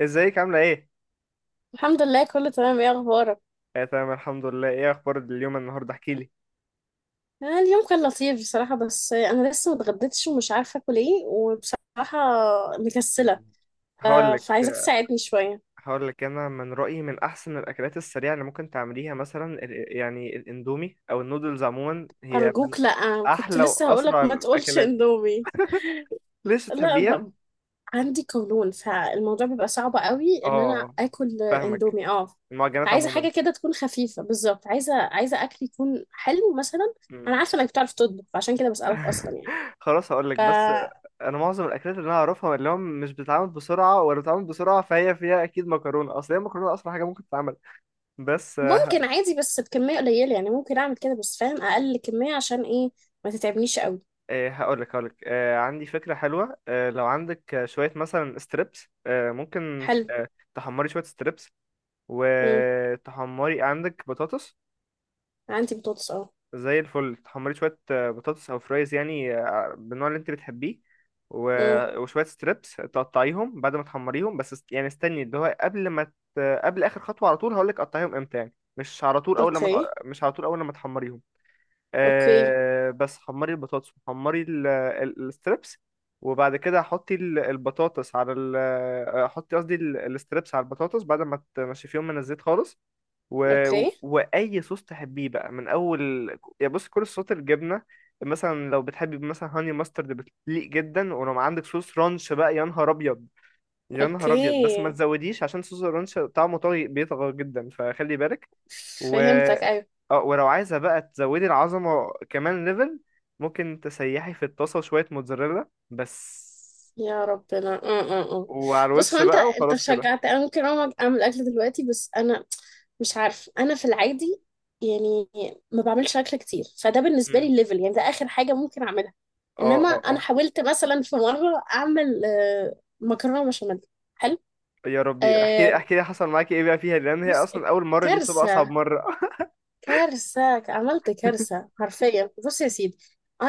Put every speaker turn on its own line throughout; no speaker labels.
ازيك عاملة ايه؟
الحمد لله، كله تمام. ايه اخبارك؟
آه، تمام الحمد لله. ايه اخبار اليوم النهاردة؟ احكي لي.
اليوم كان لطيف بصراحة، بس انا لسه متغديتش ومش عارفة اكل ايه وبصراحة مكسلة.
مم. هقول لك
فعايزاك تساعدني شوية.
هقول لك. انا من رأيي من احسن الاكلات السريعة اللي ممكن تعمليها، مثلا يعني الاندومي او النودلز عموما، هي من
ارجوك لا، كنت
احلى
لسه هقولك
واسرع
ما تقولش
الاكلات.
اندومي.
ليش
لا،
تحبيها؟
عندي قولون فالموضوع بيبقى صعب قوي ان انا
اه،
اكل
فاهمك.
اندومي. اه.
المعجنات
عايزة
عموما.
حاجة كده تكون خفيفة. بالظبط عايزة اكل يكون حلو مثلا.
مم.
انا عارفة انك بتعرف تطبخ عشان كده بسألك اصلا.
خلاص هقول لك بس.
يعني
انا معظم الاكلات اللي انا اعرفها اللي هو مش بتتعمل بسرعة ولا بتتعمل بسرعة، فهي فيها اكيد مكرونة. اصل هي المكرونة اسرع حاجة ممكن تتعمل. بس آه،
ممكن عادي بس بكمية قليلة، يعني ممكن أعمل كده بس فاهم، أقل كمية عشان إيه ما تتعبنيش قوي.
إيه، هقولك، عندي فكرة حلوة. لو عندك شوية مثلا ستريبس، ممكن.
حلو.
تحمري شوية ستريبس،
مم.
وتحمري عندك بطاطس
عندي بطاطس، أه.
زي الفل. تحمري شوية بطاطس أو فرايز، يعني بالنوع اللي انت بتحبيه.
مم.
وشوية ستريبس تقطعيهم بعد ما تحمريهم، بس يعني استني اللي هو قبل ما قبل آخر خطوة على طول هقولك قطعيهم امتى. يعني مش على طول أول لما
أوكي.
تق- مش على طول أول لما تحمريهم.
أوكي.
بس حمري البطاطس، وحمري الستريبس. وبعد كده حطي البطاطس على ال آه، حطي قصدي الستريبس على البطاطس بعد ما تنشفيهم من الزيت خالص. و...
أوكي.
واي صوص تحبيه بقى من اول. يا بص، كل صوصات الجبنه. مثلا لو بتحبي، مثلا هاني ماسترد بتليق جدا. ولو عندك صوص رانش بقى، يا نهار ابيض يا نهار ابيض. بس ما
أوكي.
تزوديش، عشان صوص الرانش طعمه طاغي بيطغى جدا، فخلي بالك. و
فهمتك، أيوة.
اه ولو عايزة بقى تزودي العظمة كمان ليفل، ممكن تسيحي في الطاسة شوية موتزاريلا بس،
يا ربنا، اه اه اه.
وعلى
بص، هو
الوش
انت
بقى.
انت
وخلاص كده.
شجعت. انا ممكن اقوم اعمل اكل دلوقتي، بس انا مش عارف انا في العادي يعني ما بعملش اكل كتير، فده بالنسبه لي
مم.
الليفل، يعني ده اخر حاجه ممكن اعملها.
اه،
انما
اه،
انا
اه.
حاولت مثلا في مره اعمل مكرونه بشاميل. حلو.
يا ربي، احكي لي
آه،
احكي لي حصل معاكي ايه بقى فيها، لان هي
بص،
اصلا اول مرة دي بتبقى اصعب
كارثه،
مرة.
كارثه. عملت كارثه حرفيا. بص يا سيدي،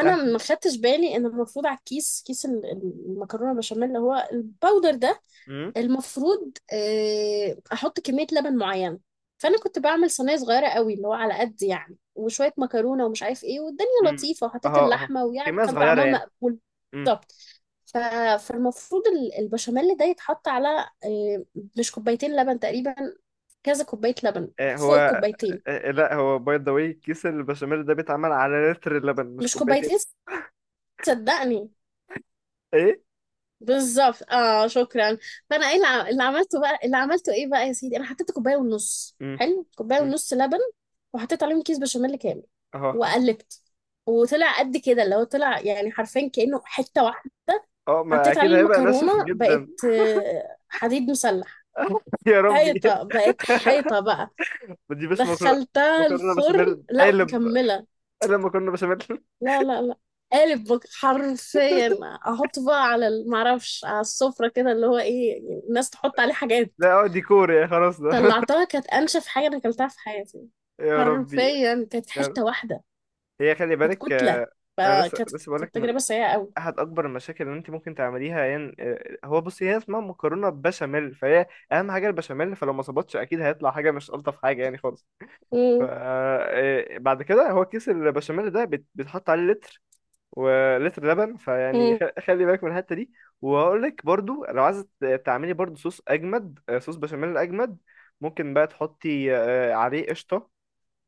ما
احكي.
خدتش بالي ان المفروض على الكيس، كيس المكرونه بشاميل اللي هو الباودر ده،
امم
المفروض احط كميه لبن معينه. فانا كنت بعمل صينيه صغيره قوي، اللي هو على قد يعني وشويه مكرونه ومش عارف ايه، والدنيا
امم.
لطيفه،
اه،
وحطيت
اه.
اللحمه، ويعني
كمية
كان
صغيرة
طعمها
يعني.
مقبول.
امم.
بالظبط. ف- فالمفروض البشاميل ده يتحط على مش كوبايتين لبن تقريبا، كذا كوبايه لبن،
هو.
فوق
آه،
الكوبايتين.
لا، هو باي ذا واي كيس البشاميل ده بيتعمل على لتر اللبن، مش
مش
كوبايتين.
كوبايتين، صدقني.
ايه.
بالظبط، اه، شكرا. فانا ايه اللي اللي عملته بقى، اللي عملته ايه بقى يا سيدي؟ انا حطيت كوبايه ونص،
امم.
حلو، كوبايه
امم.
ونص لبن، وحطيت عليهم كيس بشاميل كامل،
اه،
وقلبت، وطلع قد كده، اللي هو طلع يعني حرفيا كانه حته واحده.
اه، ما
حطيت عليه
اكيد هيبقى
المكرونه،
ناشف
بقت
جدا.
حديد مسلح.
يا ربي.
حيطه، بقت حيطه بقى.
ما تجيبش مكرونه.
دخلتها
مكرونه
الفرن،
بشاميل
لا
قالب.
مكمله.
قالب مكرونه بشاميل.
لا لا لا. قالب، حرفيا. احط بقى على معرفش، على السفرة كده، اللي هو ايه يعني الناس تحط عليه حاجات.
لا، اه، ديكور يعني، خلاص ده.
طلعتها كانت انشف حاجة انا اكلتها في حياتي،
يا ربي.
حرفيا كانت
يا
حتة
رب.
واحدة،
هي خلي
كانت
بالك.
كتلة.
انا لسه
فكانت،
لسه بقولك
كانت
من
تجربة سيئة قوي.
احد اكبر المشاكل اللي انت ممكن تعمليها، يعني هو بصي، هي اسمها مكرونه بشاميل، فهي اهم حاجه البشاميل. فلو ما ظبطش اكيد هيطلع حاجه مش الطف حاجه يعني خالص. ف آه، بعد كده هو كيس البشاميل ده بيتحط عليه لتر، ولتر لبن. فيعني
مم.
خلي بالك من الحته دي. وهقول لك برضو، لو عايزه تعملي برضو صوص اجمد، صوص بشاميل اجمد، ممكن بقى تحطي عليه قشطه.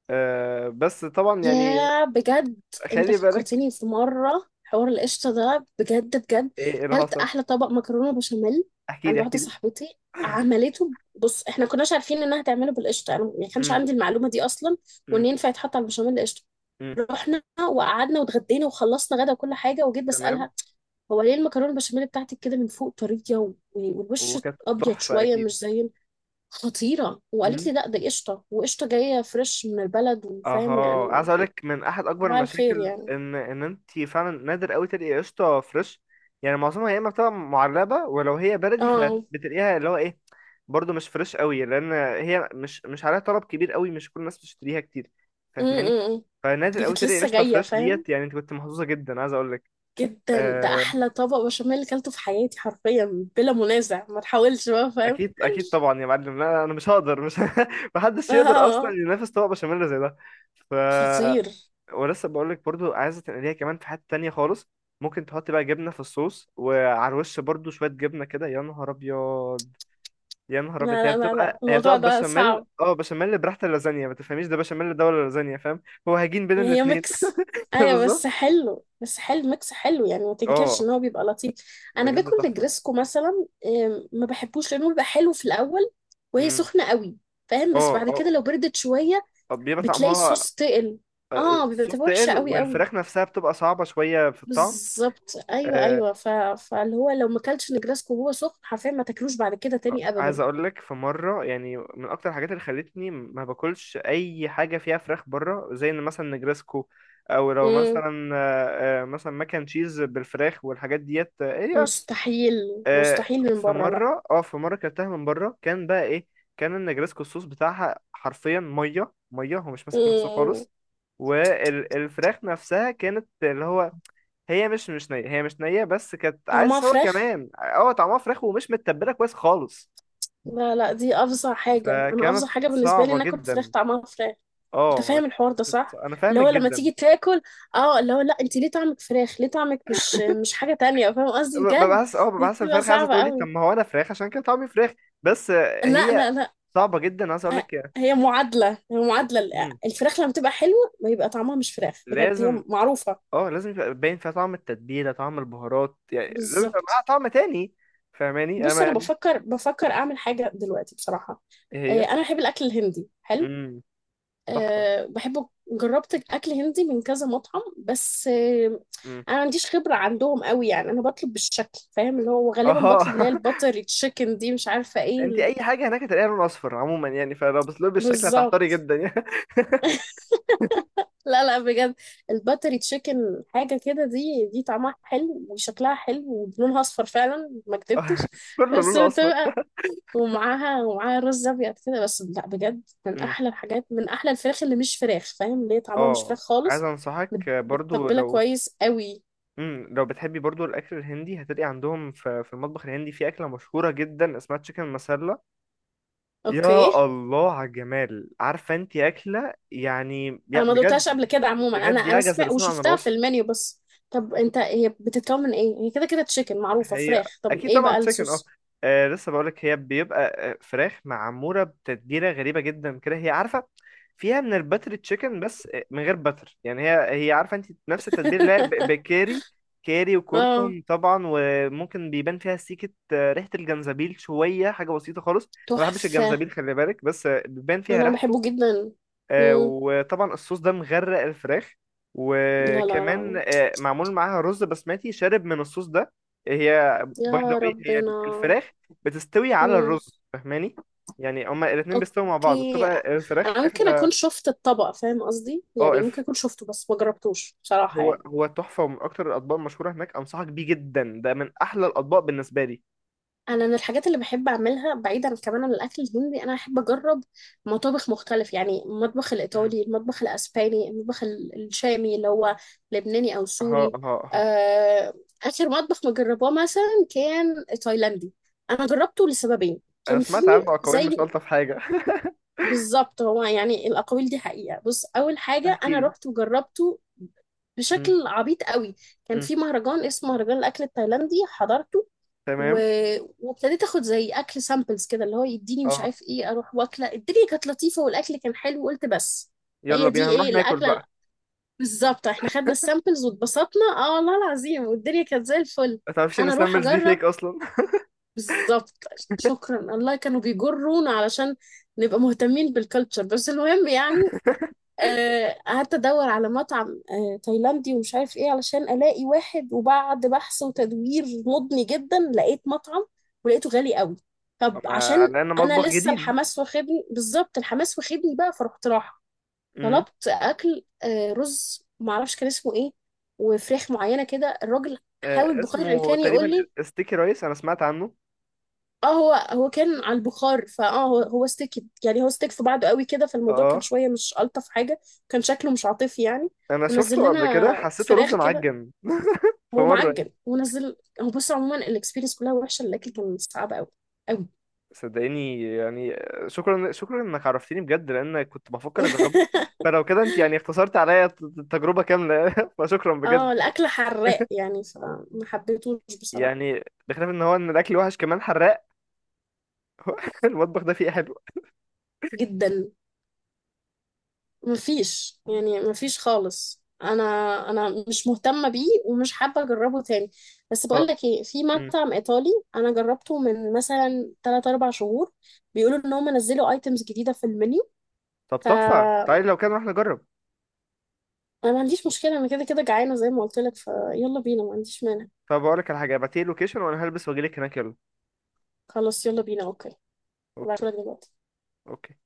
بس طبعا يعني
يا بجد، انت
خلي بالك.
فكرتني في مرة حوار القشطة ده. بجد بجد،
ايه اللي
كلت
حصل؟
أحلى طبق مكرونة بشاميل
احكي لي
عند
احكي
واحدة
لي.
صاحبتي. عملته، بص، احنا كناش عارفين انها تعمله بالقشطة، انا ما كانش
امم.
عندي المعلومة دي اصلا،
امم.
وان ينفع يتحط على البشاميل قشطة.
امم.
رحنا وقعدنا واتغدينا وخلصنا غدا وكل حاجة، وجيت
تمام.
بسألها: هو ليه المكرونة البشاميل بتاعتك كده من فوق طرية، والوش
وكانت
أبيض
تحفه
شوية،
اكيد.
مش زي... خطيرة. وقالت
امم.
لي: لا ده قشطة، وقشطة جاية فريش من البلد، وفاهم
اها، عايز
يعني.
اقول لك من احد اكبر
صباح الخير
المشاكل
يعني.
ان انت فعلا نادر قوي تلاقي قشطه فريش. يعني معظمها يا اما بتبقى معلبه، ولو هي بلدي
اه.
فبتلاقيها اللي هو ايه، برضو مش فريش قوي، لان هي مش عليها طلب كبير قوي. مش كل الناس بتشتريها كتير، فاهماني.
امم.
فنادر
دي
قوي
كانت
تلاقي
لسه
قشطه
جاية،
فريش
فاهم،
ديت، يعني انت كنت محظوظه جدا، عايز اقول لك.
جدا. ده
آه،
أحلى طبق بشاميل اللي أكلته في حياتي، حرفيا بلا منازع. ما تحاولش بقى، فاهم.
اكيد اكيد طبعا يا معلم. لا، انا مش هقدر، مش. محدش يقدر اصلا
اه.
ينافس طبق بشاميل زي ده. ف
خطير.
ولسه بقول لك برضو عايزه تنقليها كمان في حته تانية خالص. ممكن تحط بقى جبنه في الصوص، وعلى الوش برضو شويه جبنه كده، يا نهار ابيض يا نهار
لا
ابيض. هي
لا لا لا،
بتبقى
الموضوع ده
بشاميل،
صعب.
بشاميل براحه اللازانيا. ما تفهميش ده بشاميل ده ولا لازانيا، فاهم. هو هجين بين
يعني هي
الاتنين.
ميكس. ايوه، بس
بالظبط.
حلو، بس حلو ميكس حلو، يعني ما تنكرش
اه،
ان هو بيبقى لطيف. انا
بجد
باكل
تحفه.
نجرسكو مثلا، ما بحبوش لانه بيبقى حلو في الاول وهي
امم.
سخنه قوي، فاهم، بس
اه،
بعد
اه.
كده لو بردت شويه
طب بيبقى
بتلاقي
طعمها،
الصوص تقل.
آه،
اه بيبقى،
الصوص
تبقى وحشه
تقل،
قوي قوي.
والفراخ نفسها بتبقى صعبه شويه في الطعم.
بالظبط، ايوه
آه،
ايوه. فاللي هو لو ما اكلتش نجرسكو وهو سخن حرفيا، ما تاكلوش بعد كده تاني
عايز
ابدا.
اقول لك، في مره يعني من اكتر الحاجات اللي خلتني ما باكلش اي حاجه فيها فراخ بره، زي ان مثلا نجرسكو، او لو
مم.
مثلا مثلا ماكن تشيز بالفراخ والحاجات ديت، ايه.
مستحيل
آه،
مستحيل، من
في
بره لا.
مره، كلتها من بره، كان بقى ايه؟ كان النجرسكو الصوص بتاعها حرفيا ميه ميه، هو مش ماسك نفسه
مم.
خالص. والفراخ نفسها كانت اللي هو، هي مش نية. هي مش نية، بس كانت
طعمها
عايز هو
فراخ.
كمان طعمها فراخ ومش متبلة كويس خالص.
لا لا، دي افظع حاجه، انا
فكانت
افظع حاجه بالنسبه لي
صعبة
ناكل فراخ
جدا.
طعمها فراخ. انت
اه.
فاهم الحوار ده
كنت
صح؟
انا
اللي
فاهمك
هو لما
جدا.
تيجي تاكل، اه، اللي هو لا انت ليه طعمك فراخ، ليه طعمك مش، مش حاجه تانية، فاهم قصدي
ببقى
بجد.
حاسس،
دي بتبقى
الفرخة عايزة
صعبه
تقولي طب
قوي.
ما هو انا فراخ، عشان كده طعمي فراخ. بس آه،
لا
هي
لا لا.
صعبة جدا، عايز اقول
آه،
لك.
هي معادلة، هي معادلة
مم.
الفراخ لما تبقى حلوة ما يبقى طعمها مش فراخ، بجد هي
لازم.
معروفة.
اه، لازم يبقى باين فيها طعم التتبيلة، طعم البهارات، يعني لازم يبقى معاها
بالظبط.
طعم تاني. فاهماني
بص،
انا
أنا
يعني.
بفكر أعمل حاجة دلوقتي بصراحة.
إيه هي.
أنا بحب الأكل الهندي، حلو.
امم. تحفة.
أه بحبه، جربت أكل هندي من كذا مطعم، بس
امم.
أنا ما عنديش خبرة عندهم قوي، يعني أنا بطلب بالشكل، فاهم، اللي هو غالبا بطلب
اه.
اللي هي الباتر تشيكن دي، مش عارفة إيه
انت اي حاجة هناك هتلاقيها لون اصفر عموما، يعني فلو بس لون بالشكل هتحتاري
بالظبط.
جدا يعني.
لا لا، بجد، الباتري تشيكن حاجة كده، دي طعمها حلو وشكلها حلو ولونها أصفر فعلا، ما كدبتش.
كله
بس
لون اصفر.
بتبقى، ومعاها رز أبيض كده بس، لا بجد من أحلى الحاجات، من أحلى الفراخ اللي مش فراخ، فاهم، اللي هي طعمها مش
اه،
فراخ
عايز
خالص.
انصحك
مت-
برضو
متبلة
لو.
كويس قوي.
مم. لو بتحبي برضو الاكل الهندي، هتلاقي عندهم في المطبخ الهندي، في اكله مشهوره جدا اسمها تشيكن مسالة.
أوكي.
يا الله على الجمال، عارفه انت اكله يعني،
أنا ما
بجد.
دوتهاش قبل كده عموما، أنا
بجد
أنا
يعجز
سمعت
اللسان عن
وشفتها في
الوصف.
المنيو بس. طب أنت، هي بتتكون من إيه؟ هي كده كده تشيكن، معروفة
هي
فراخ، طب
اكيد
إيه
طبعا
بقى
تشيكن. اه
الصوص؟
لسه بقولك هي بيبقى فراخ معموره بتتبيله غريبه جدا كده، هي عارفه، فيها من الباتر تشيكن، بس من غير باتر يعني. هي عارفه انت نفس التتبيله اللي هي بكاري، كاري
اه
وكركم طبعا، وممكن بيبان فيها سيكه، ريحه الجنزبيل، شويه حاجه بسيطه خالص. انا ما بحبش
تحفة.
الجنزبيل خلي بالك، بس بيبان فيها
انا
ريحته.
بحبه جدا. مم.
وطبعا الصوص ده مغرق الفراخ.
لا لا
وكمان
لا،
معمول معاها رز بسمتي شارب من الصوص ده. هي، باي ذا
يا
واي، هي
ربنا.
الفراخ بتستوي على
مم.
الرز، فاهماني. يعني هما الاتنين بيستووا مع بعض،
اوكي.
بتبقى الفراخ
انا ممكن اكون
اخدة.
شفت الطبق، فاهم قصدي،
اه،
يعني ممكن اكون شفته بس ما جربتوش بصراحة
هو
يعني.
هو تحفة، ومن أكتر الأطباق المشهورة هناك. أنصحك بيه جدا، ده من أحلى الأطباق بالنسبة لي.
انا من الحاجات اللي بحب اعملها بعيدا كمان عن الاكل الهندي، انا بحب اجرب مطابخ مختلف، يعني المطبخ
مم.
الايطالي، المطبخ الاسباني، المطبخ الشامي اللي هو لبناني او
أها، أها،
سوري.
أها.
آه، اخر مطبخ ما جرباه مثلا كان تايلاندي. انا جربته لسببين.
أنا
كان في
سمعت عنه أقاويل مش
زي...
ألطف حاجة.
بالظبط. هو يعني الأقاويل دي حقيقة. بص، أول حاجة،
احكي
أنا
لي.
رحت وجربته
مم.
بشكل عبيط قوي. كان
مم.
في مهرجان اسمه مهرجان الأكل التايلاندي، حضرته. و...
تمام.
وابتديت اخد زي اكل سامبلز كده، اللي هو يديني مش
اه،
عارف ايه، اروح واكله، الدنيا كانت لطيفه والاكل كان حلو، وقلت بس
يلا
هي
بينا
دي
هنروح
ايه
ناكل
الاكله
بقى.
بالظبط. احنا خدنا السامبلز واتبسطنا، اه والله العظيم، والدنيا كانت زي الفل.
ما تعرفش ان
انا اروح
سامرز دي
اجرب،
فيك اصلا.
بالظبط. شكرا الله كانوا بيجرونا علشان نبقى مهتمين بالكلتشر، بس المهم يعني. قعدت ادور على مطعم تايلاندي ومش عارف ايه علشان الاقي واحد، وبعد بحث وتدوير مضني جدا لقيت مطعم، ولقيته غالي قوي. طب
اما
عشان
على انه
انا
مطبخ
لسه
جديد.
الحماس واخدني، بالظبط الحماس واخدني بقى، فرحت رايحه.
امم.
طلبت اكل رز معرفش كان اسمه ايه، وفراخ معينه كده، الراجل حاول بقدر
اسمه
الامكان يقول
تقريبا
لي.
ستيكي رايس، انا سمعت عنه.
اه هو هو كان على البخار، فاه هو هو استكت، يعني هو استك في بعضه قوي كده، فالموضوع كان
اه،
شويه مش الطف حاجه. كان شكله مش عاطفي يعني.
انا
ونزل
شفته قبل كده،
لنا
حسيته
فراخ
رز
كده،
معجن. في
هو
مره.
معجن ونزل. هو بص عموما الاكسبيرينس كلها وحشه، الاكل كان صعب قوي قوي.
صدقيني يعني، شكرا شكرا انك عرفتني بجد، لان كنت بفكر اجربه. فلو كده انت يعني اختصرت عليا التجربه كامله. فشكرا بجد.
اه الاكل حراق يعني، فما حبيتهوش بصراحه.
يعني بخلاف ان الاكل وحش كمان حراق. المطبخ ده فيه إيه حلو.
جدا. مفيش يعني، مفيش خالص. انا مش مهتمه بيه ومش حابه اجربه تاني. بس بقول
ف-
لك ايه، في
مم.
مطعم ايطالي انا جربته من مثلا 3 4 شهور، بيقولوا ان هم نزلوا ايتمز جديده في المنيو.
طب
ف،
تحفه، تعالي لو كده نروح نجرب.
انا ما عنديش مشكله، انا كده كده جعانه زي ما قلت لك، فيلا بينا ما عنديش مانع.
طب اقول لك على حاجه، ابعتيلي لوكيشن وانا هلبس واجيلك هناك، يلا.
خلاص يلا بينا، اوكي.
اوكي.
هبعتهولك دلوقتي.
اوكي.